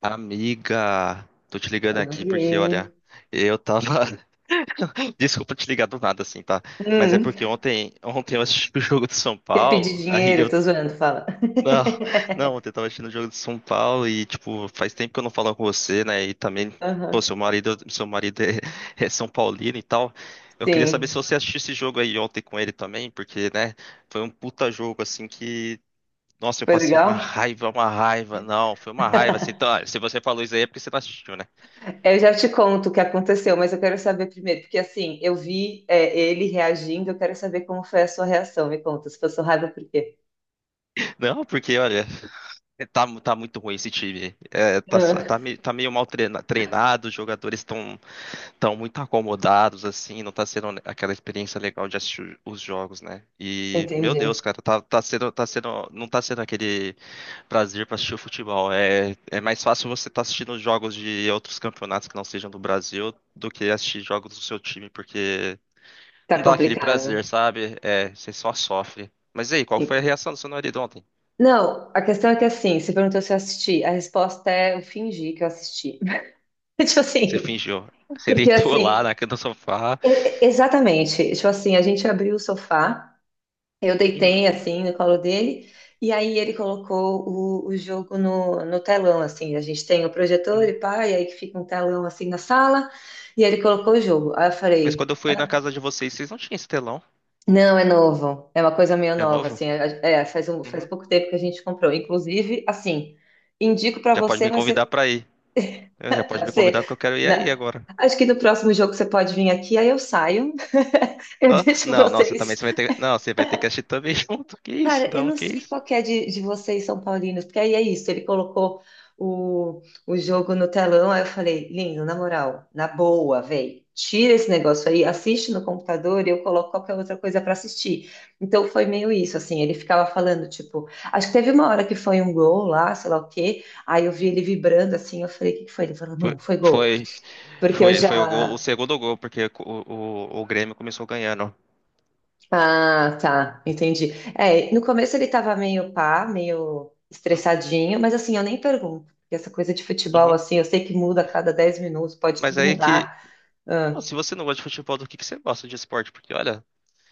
Amiga, tô te ligando aqui porque, Oiê. olha, eu tava. Desculpa te ligar do nada assim, tá? Mas é Hum, porque ontem eu assisti o jogo do São quer pedir Paulo, aí dinheiro? eu. Tô zoando, fala. Não, não, ontem eu tava assistindo o jogo do São Paulo e, tipo, faz tempo que eu não falo com você, né? E também, pô, Aham. seu marido é São Paulino e tal. Eu queria saber se Sim. você assistiu esse jogo aí ontem com ele também, porque, né, foi um puta jogo assim que. Nossa, eu Foi passei uma legal? raiva, uma raiva. Não, foi uma raiva. Assim, então, olha, se você falou isso aí é porque você não assistiu, né? Eu já te conto o que aconteceu, mas eu quero saber primeiro, porque assim, eu vi ele reagindo, eu quero saber como foi a sua reação. Me conta, se passou raiva, por quê? Não, porque olha, tá muito ruim esse time. É, tá, Ah, tá, me- tá meio mal treinado, os jogadores estão tão muito acomodados, assim, não tá sendo aquela experiência legal de assistir os jogos, né? E, meu Deus, entendi. cara, não tá sendo aquele prazer pra assistir o futebol. É, é mais fácil você tá assistindo os jogos de outros campeonatos que não sejam do Brasil do que assistir jogos do seu time, porque Tá não dá aquele complicado. prazer, sabe? É, você só sofre. Mas e aí, qual foi a E- reação do seu marido ontem? Não, a questão é que assim, você perguntou se eu assisti, a resposta é eu fingi que eu assisti. Tipo Você assim, fingiu. Você porque deitou lá assim, na cama do sofá. Exatamente, tipo assim, a gente abriu o sofá. Eu deitei Uhum, assim no colo dele, e aí ele colocou o jogo no telão, assim. A gente tem o projetor uhum. e pá, e aí que fica um telão assim na sala, e ele colocou o jogo. Aí eu Mas quando falei, eu fui na casa de vocês, vocês não tinham esse telão. não, é novo, é uma coisa meio É nova, novo? assim. Faz um, faz Uhum. pouco tempo que a gente comprou. Inclusive, assim, indico pra Já pode você, me mas convidar você, pra ir. É, já pode me convidar você porque eu quero ir aí na- agora. acho que no próximo jogo você pode vir aqui, aí eu saio, eu Hã? deixo Não, não, você também vocês. você vai ter. Não, você vai ter que assistir também junto. Que isso? Cara, eu Não, não que sei isso? qual que é de vocês, São Paulinos, porque aí é isso, ele colocou o jogo no telão, aí eu falei, lindo, na moral, na boa, véi, tira esse negócio aí, assiste no computador e eu coloco qualquer outra coisa pra assistir. Então foi meio isso, assim, ele ficava falando, tipo, acho que teve uma hora que foi um gol lá, sei lá o quê, aí eu vi ele vibrando, assim, eu falei, o que que foi? Ele falou, Foi, mano, foi gol, foi, porque eu foi o, gol- o já, segundo gol, porque o Grêmio começou ganhando. ah, tá, entendi. É, no começo ele tava meio pá, meio estressadinho, mas assim, eu nem pergunto, porque essa coisa de futebol, Uhum. assim, eu sei que muda a cada 10 minutos, pode Mas tudo é aí que. mudar. Ah, Se você não gosta de futebol, do que você gosta de esporte? Porque, olha,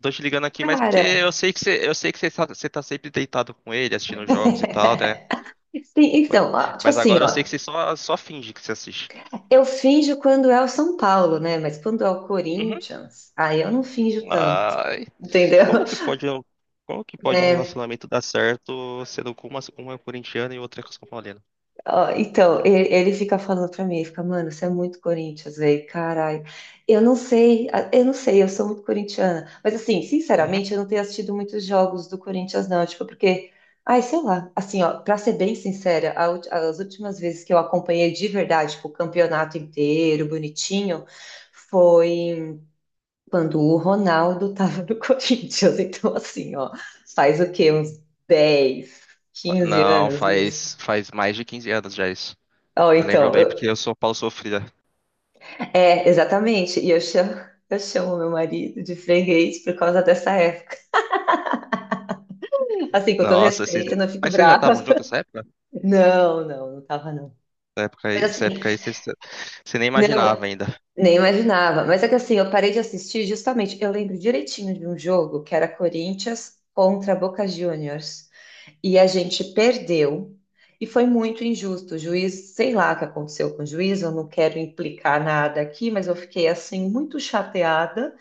tô te ligando aqui, mas porque eu cara, sei que você, eu sei que você tá, você tá sempre deitado com ele, assistindo jogos e tal, né? sim, então, ó, tipo Mas assim, agora eu sei ó, que você só finge que você assiste. eu finjo quando é o São Paulo, né? Mas quando é o Uhum. Corinthians, aí eu não finjo tanto, Ai, entendeu? como que pode, um- como que pode um relacionamento dar certo sendo com uma é corintiana e outra é São Paulina? Ó, então, ele fica falando pra mim, ele fica, mano, você é muito Corinthians, velho, caralho. Eu não sei, eu não sei, eu sou muito corintiana. Mas assim, Uhum. sinceramente, eu não tenho assistido muitos jogos do Corinthians, não. Tipo, porque, ai, sei lá, assim, ó, pra ser bem sincera, a as últimas vezes que eu acompanhei de verdade, tipo, o campeonato inteiro, bonitinho, foi quando o Ronaldo tava no Corinthians. Então, assim, ó, faz o quê? Uns dez, quinze Não, anos isso? faz mais de 15 anos já isso. Ó, Eu lembro então, bem porque eu sou Paulo Sofrida. é, exatamente. E eu chamo, eu chamo meu marido de freguês por causa dessa época. Assim, com todo Nossa, vocês, respeito, não fique mas vocês já brava. estavam juntos nessa época? Não, não, não tava não. Essa época Mas aí, essa assim, época aí vocês, você nem imaginava não, ainda. nem imaginava. Mas é que assim, eu parei de assistir justamente. Eu lembro direitinho de um jogo que era Corinthians contra Boca Juniors. E a gente perdeu. E foi muito injusto. O juiz, sei lá o que aconteceu com o juiz, eu não quero implicar nada aqui, mas eu fiquei assim muito chateada.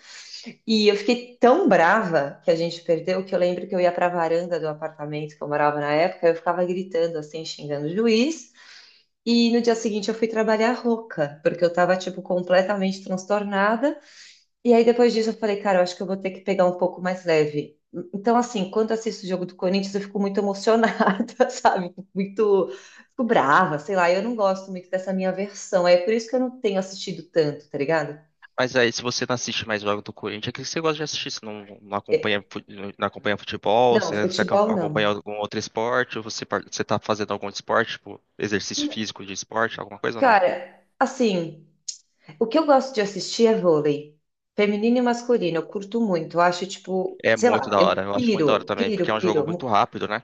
E eu fiquei tão brava que a gente perdeu que eu lembro que eu ia para a varanda do apartamento que eu morava na época, eu ficava gritando assim, xingando o juiz. E no dia seguinte eu fui trabalhar rouca, porque eu tava tipo completamente transtornada. E aí depois disso eu falei, cara, eu acho que eu vou ter que pegar um pouco mais leve. Então assim, quando eu assisto o jogo do Corinthians, eu fico muito emocionada, sabe? Muito, fico brava, sei lá. Eu não gosto muito dessa minha versão. É por isso que eu não tenho assistido tanto, tá ligado? Mas aí, se você não assiste mais jogo do Corinthians, é que você gosta de assistir? Você não É, acompanha, não acompanha futebol? não, Você, futebol acompanha não. algum outro esporte? Ou você, você tá fazendo algum esporte, tipo, exercício físico de esporte, alguma coisa ou não? Cara, assim, o que eu gosto de assistir é vôlei. Feminino e masculino, eu curto muito. Eu acho, tipo, É sei muito lá, da hora, eu eu acho muito da hora piro, também, porque piro, é um jogo piro. muito rápido, né?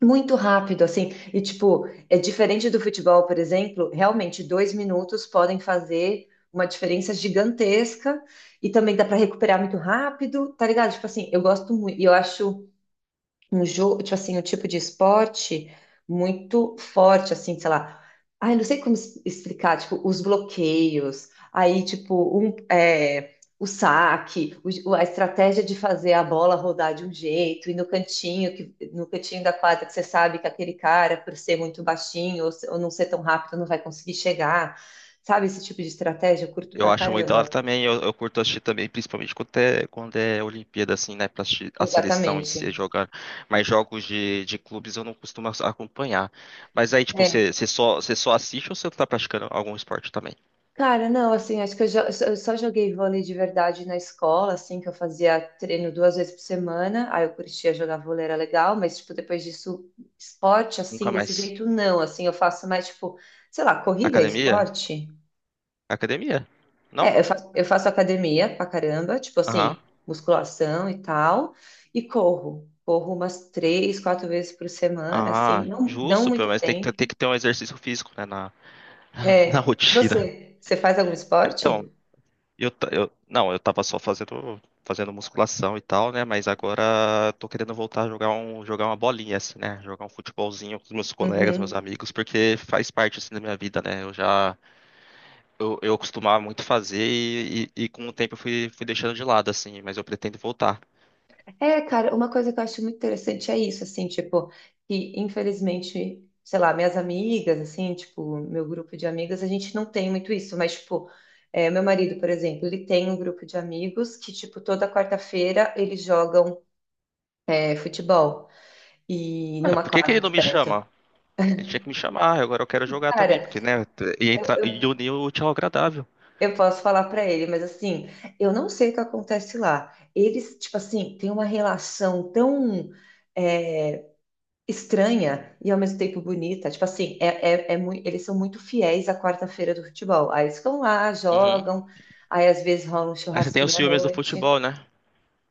Muito rápido, assim. E, tipo, é diferente do futebol, por exemplo, realmente 2 minutos podem fazer uma diferença gigantesca. E também dá para recuperar muito rápido, tá ligado? Tipo assim, eu gosto muito. E eu acho um jogo, tipo assim, um tipo de esporte muito forte, assim, sei lá. Ai, não sei como explicar, tipo, os bloqueios, aí, tipo, um, é, o saque, a estratégia de fazer a bola rodar de um jeito, e no cantinho, que, no cantinho da quadra que você sabe que aquele cara, por ser muito baixinho ou, ou não ser tão rápido, não vai conseguir chegar. Sabe esse tipo de estratégia? Eu curto Eu pra acho muito da hora caramba. também, eu curto assistir também, principalmente quando é Olimpíada, assim, né, pra assistir a seleção em Exatamente. si jogando. Mas jogos de clubes eu não costumo acompanhar. Mas aí, tipo, você, É. você só, você só assiste ou você tá praticando algum esporte também? Cara, não, assim, acho que eu eu só joguei vôlei de verdade na escola, assim, que eu fazia treino 2 vezes por semana, aí eu curtia jogar vôlei, era legal, mas, tipo, depois disso, esporte, assim, Nunca desse mais. jeito, não, assim, eu faço mais, tipo, sei lá, corrida é Academia? esporte? Academia? Não? É, eu faço academia pra caramba, tipo, Aham. assim, musculação e tal, e corro, corro umas 3, 4 vezes por semana, assim, Ah, não, não justo, pelo muito menos tem tempo. que ter um exercício físico, né, na, na É, e rotina. você, você faz algum Então, esporte? eu, ta- eu, não, eu tava só fazendo musculação e tal, né, mas agora tô querendo voltar a jogar uma bolinha, assim, né, jogar um futebolzinho com os meus colegas, meus Uhum. amigos, porque faz parte, assim, da minha vida, né, eu já, eu costumava muito fazer e com o tempo eu fui deixando de lado, assim, mas eu pretendo voltar. É, cara, uma coisa que eu acho muito interessante é isso, assim, tipo, que infelizmente, sei lá, minhas amigas, assim, tipo, meu grupo de amigas, a gente não tem muito isso, mas, tipo, é, meu marido, por exemplo, ele tem um grupo de amigos que, tipo, toda quarta-feira eles jogam, é, futebol e Ah, numa por que que ele quadra não aqui me perto. chama? Ele tinha que me chamar, "Ah, agora eu quero jogar também, Cara, porque, né, ia, entrar, ia unir o tchau agradável. eu posso falar pra ele, mas assim, eu não sei o que acontece lá. Eles, tipo assim, têm uma relação tão é, estranha e ao mesmo tempo bonita. Tipo assim, é muito, eles são muito fiéis à quarta-feira do futebol. Aí eles ficam lá, Uhum. jogam, aí às vezes rola um Aí você tem os churrasquinho à ciúmes do noite. futebol, né?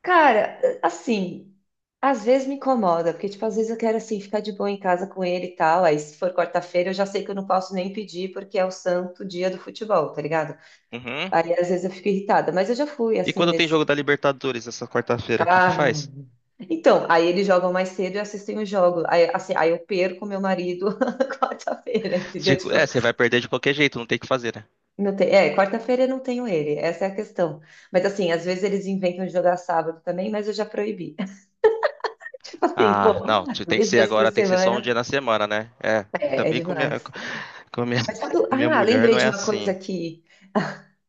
Cara, assim, às vezes me incomoda, porque tipo, às vezes eu quero assim ficar de boa em casa com ele e tal. Aí se for quarta-feira, eu já sei que eu não posso nem pedir porque é o santo dia do futebol, tá ligado? Uhum. Aí às vezes eu fico irritada, mas eu já fui E assim quando tem jogo nesse da Libertadores essa quarta-feira, o que que ah, faz? então, aí eles jogam mais cedo e assistem o jogo. Aí, assim, aí eu perco meu marido quarta-feira, entendeu? Tipo, Tipo, é, você vai perder de qualquer jeito, não tem o que fazer, né? não tem, é, quarta-feira eu não tenho ele, essa é a questão. Mas assim, às vezes eles inventam de jogar sábado também, mas eu já proibi. Tipo assim, pô, Ah, não, tem que dois ser dias por agora, tem que ser só um dia semana na semana, né? É, ainda é, é bem com minha, demais. com minha,, Mas sabe, minha ah, mulher lembrei não é de uma coisa assim. que,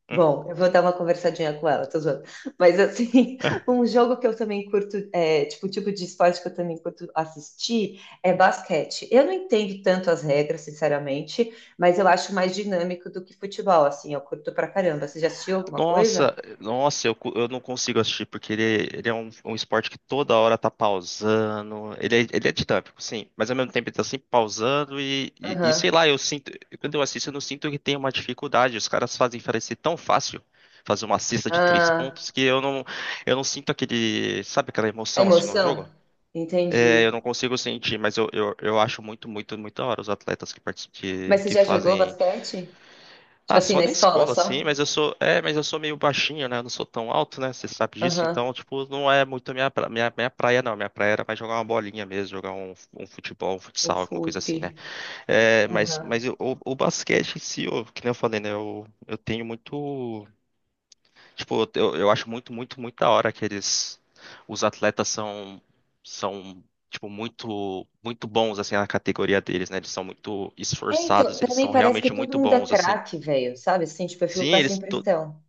Hum? bom, eu vou dar uma conversadinha com ela, tô zoando. Mas assim, um jogo que eu também curto, é, tipo, o tipo de esporte que eu também curto assistir é basquete. Eu não entendo tanto as regras, sinceramente, mas eu acho mais dinâmico do que futebol, assim, eu curto pra caramba. Você já assistiu alguma coisa? Nossa, nossa, eu, eu não consigo assistir, porque ele, um esporte que toda hora tá pausando. Ele é dinâmico, sim, mas ao mesmo tempo ele tá sempre pausando e sei Aham. lá, eu sinto, quando eu assisto, eu não sinto que tem uma dificuldade. Os caras fazem parecer tão fácil fazer uma cesta de três Ah, pontos que eu não sinto aquele, sabe aquela é emoção assim no emoção? jogo? É, eu Entendi. não consigo sentir, mas eu acho muito da hora os atletas que, Mas você que já jogou fazem basquete? Tipo ah, assim, só na na escola escola, só? sim, mas eu sou, é, mas eu sou meio baixinho, né? Eu não sou tão alto, né? Você sabe disso, Aham. então, tipo, não é muito minha, minha praia, não. Minha praia era mais jogar uma bolinha mesmo, jogar um, um futebol, um Um futsal, alguma coisa assim, né? fute. É, Aham. mas o, o basquete em si, eu, que nem eu falei, né? Eu tenho muito, tipo, eu acho muito da hora que eles, os atletas são tipo, muito bons, assim, na categoria deles, né? Eles são muito É, então, esforçados, eles pra mim são parece realmente que todo muito mundo é bons, assim. craque, velho, sabe? Assim, tipo, eu fico Sim, com essa eles. impressão.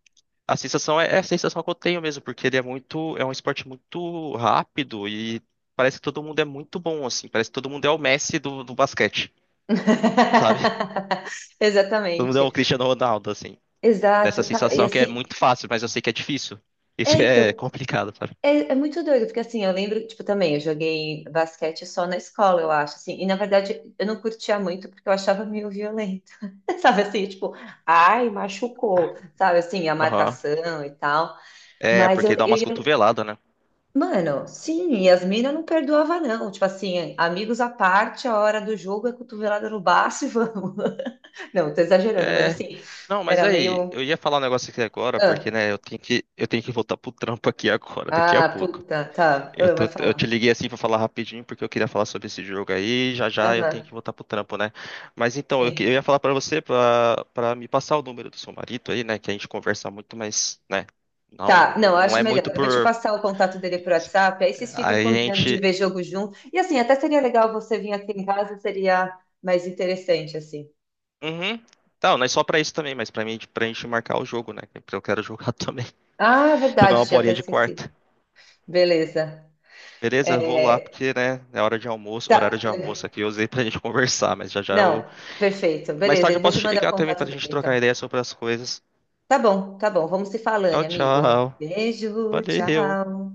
A sensação é, é a sensação que eu tenho mesmo, porque ele é muito, é um esporte muito rápido e parece que todo mundo é muito bom, assim. Parece que todo mundo é o Messi do basquete, sabe? Todo mundo é o Exatamente. Cristiano Ronaldo, assim. Essa Exato. Cara, e sensação que é assim, muito fácil, mas eu sei que é difícil. Isso é, que é então, complicado, sabe? é, é muito doido, porque assim, eu lembro, tipo, também, eu joguei basquete só na escola, eu acho, assim, e na verdade eu não curtia muito porque eu achava meio violento, sabe? Assim, tipo, ai, machucou, sabe? Assim, a Aham. marcação e tal. É, Mas porque dá umas cotoveladas, né? mano, sim, e as minas não perdoava, não. Tipo assim, amigos à parte, a hora do jogo é cotovelada no baço e vamos. Não, tô exagerando, mas É. assim, Não, mas era aí, eu meio. ia falar um negócio aqui agora, porque, Ah, né, eu tenho que voltar pro trampo aqui agora, daqui a ah, pouco. puta, tá. Eu Ah, tô, mas eu te fala. liguei assim pra falar rapidinho porque eu queria falar sobre esse jogo aí. Já já eu Aham, tenho que voltar pro trampo, né? Mas então, eu, eu sim. ia falar pra você pra para me passar o número do seu marido aí, né? Que a gente conversa muito, mas, né? Não, Tá, não, não, não acho é melhor. muito Eu vou te por. passar o contato dele por WhatsApp, aí vocês ficam Aí a combinando de gente. ver jogo junto. E assim, até seria legal você vir aqui em casa, seria mais interessante, assim. Uhum. Não, não é só pra isso também, mas pra mim, pra gente marcar o jogo, né? Porque eu quero jogar também. Ah, é Jogar uma verdade, tinha até bolinha de esquecido. quarta. Beleza. Beleza? Vou lá É, porque, né? É hora de almoço, horário tá. de almoço aqui. Eu usei pra gente conversar, mas já já Não, eu. perfeito. Mais Beleza, tarde eu eu vou posso te te mandar o ligar também contato pra gente dele, trocar então. ideia sobre as coisas. Tá bom, tá bom. Vamos se falando, Tchau, amigo. tchau. Beijo, Valeu. tchau.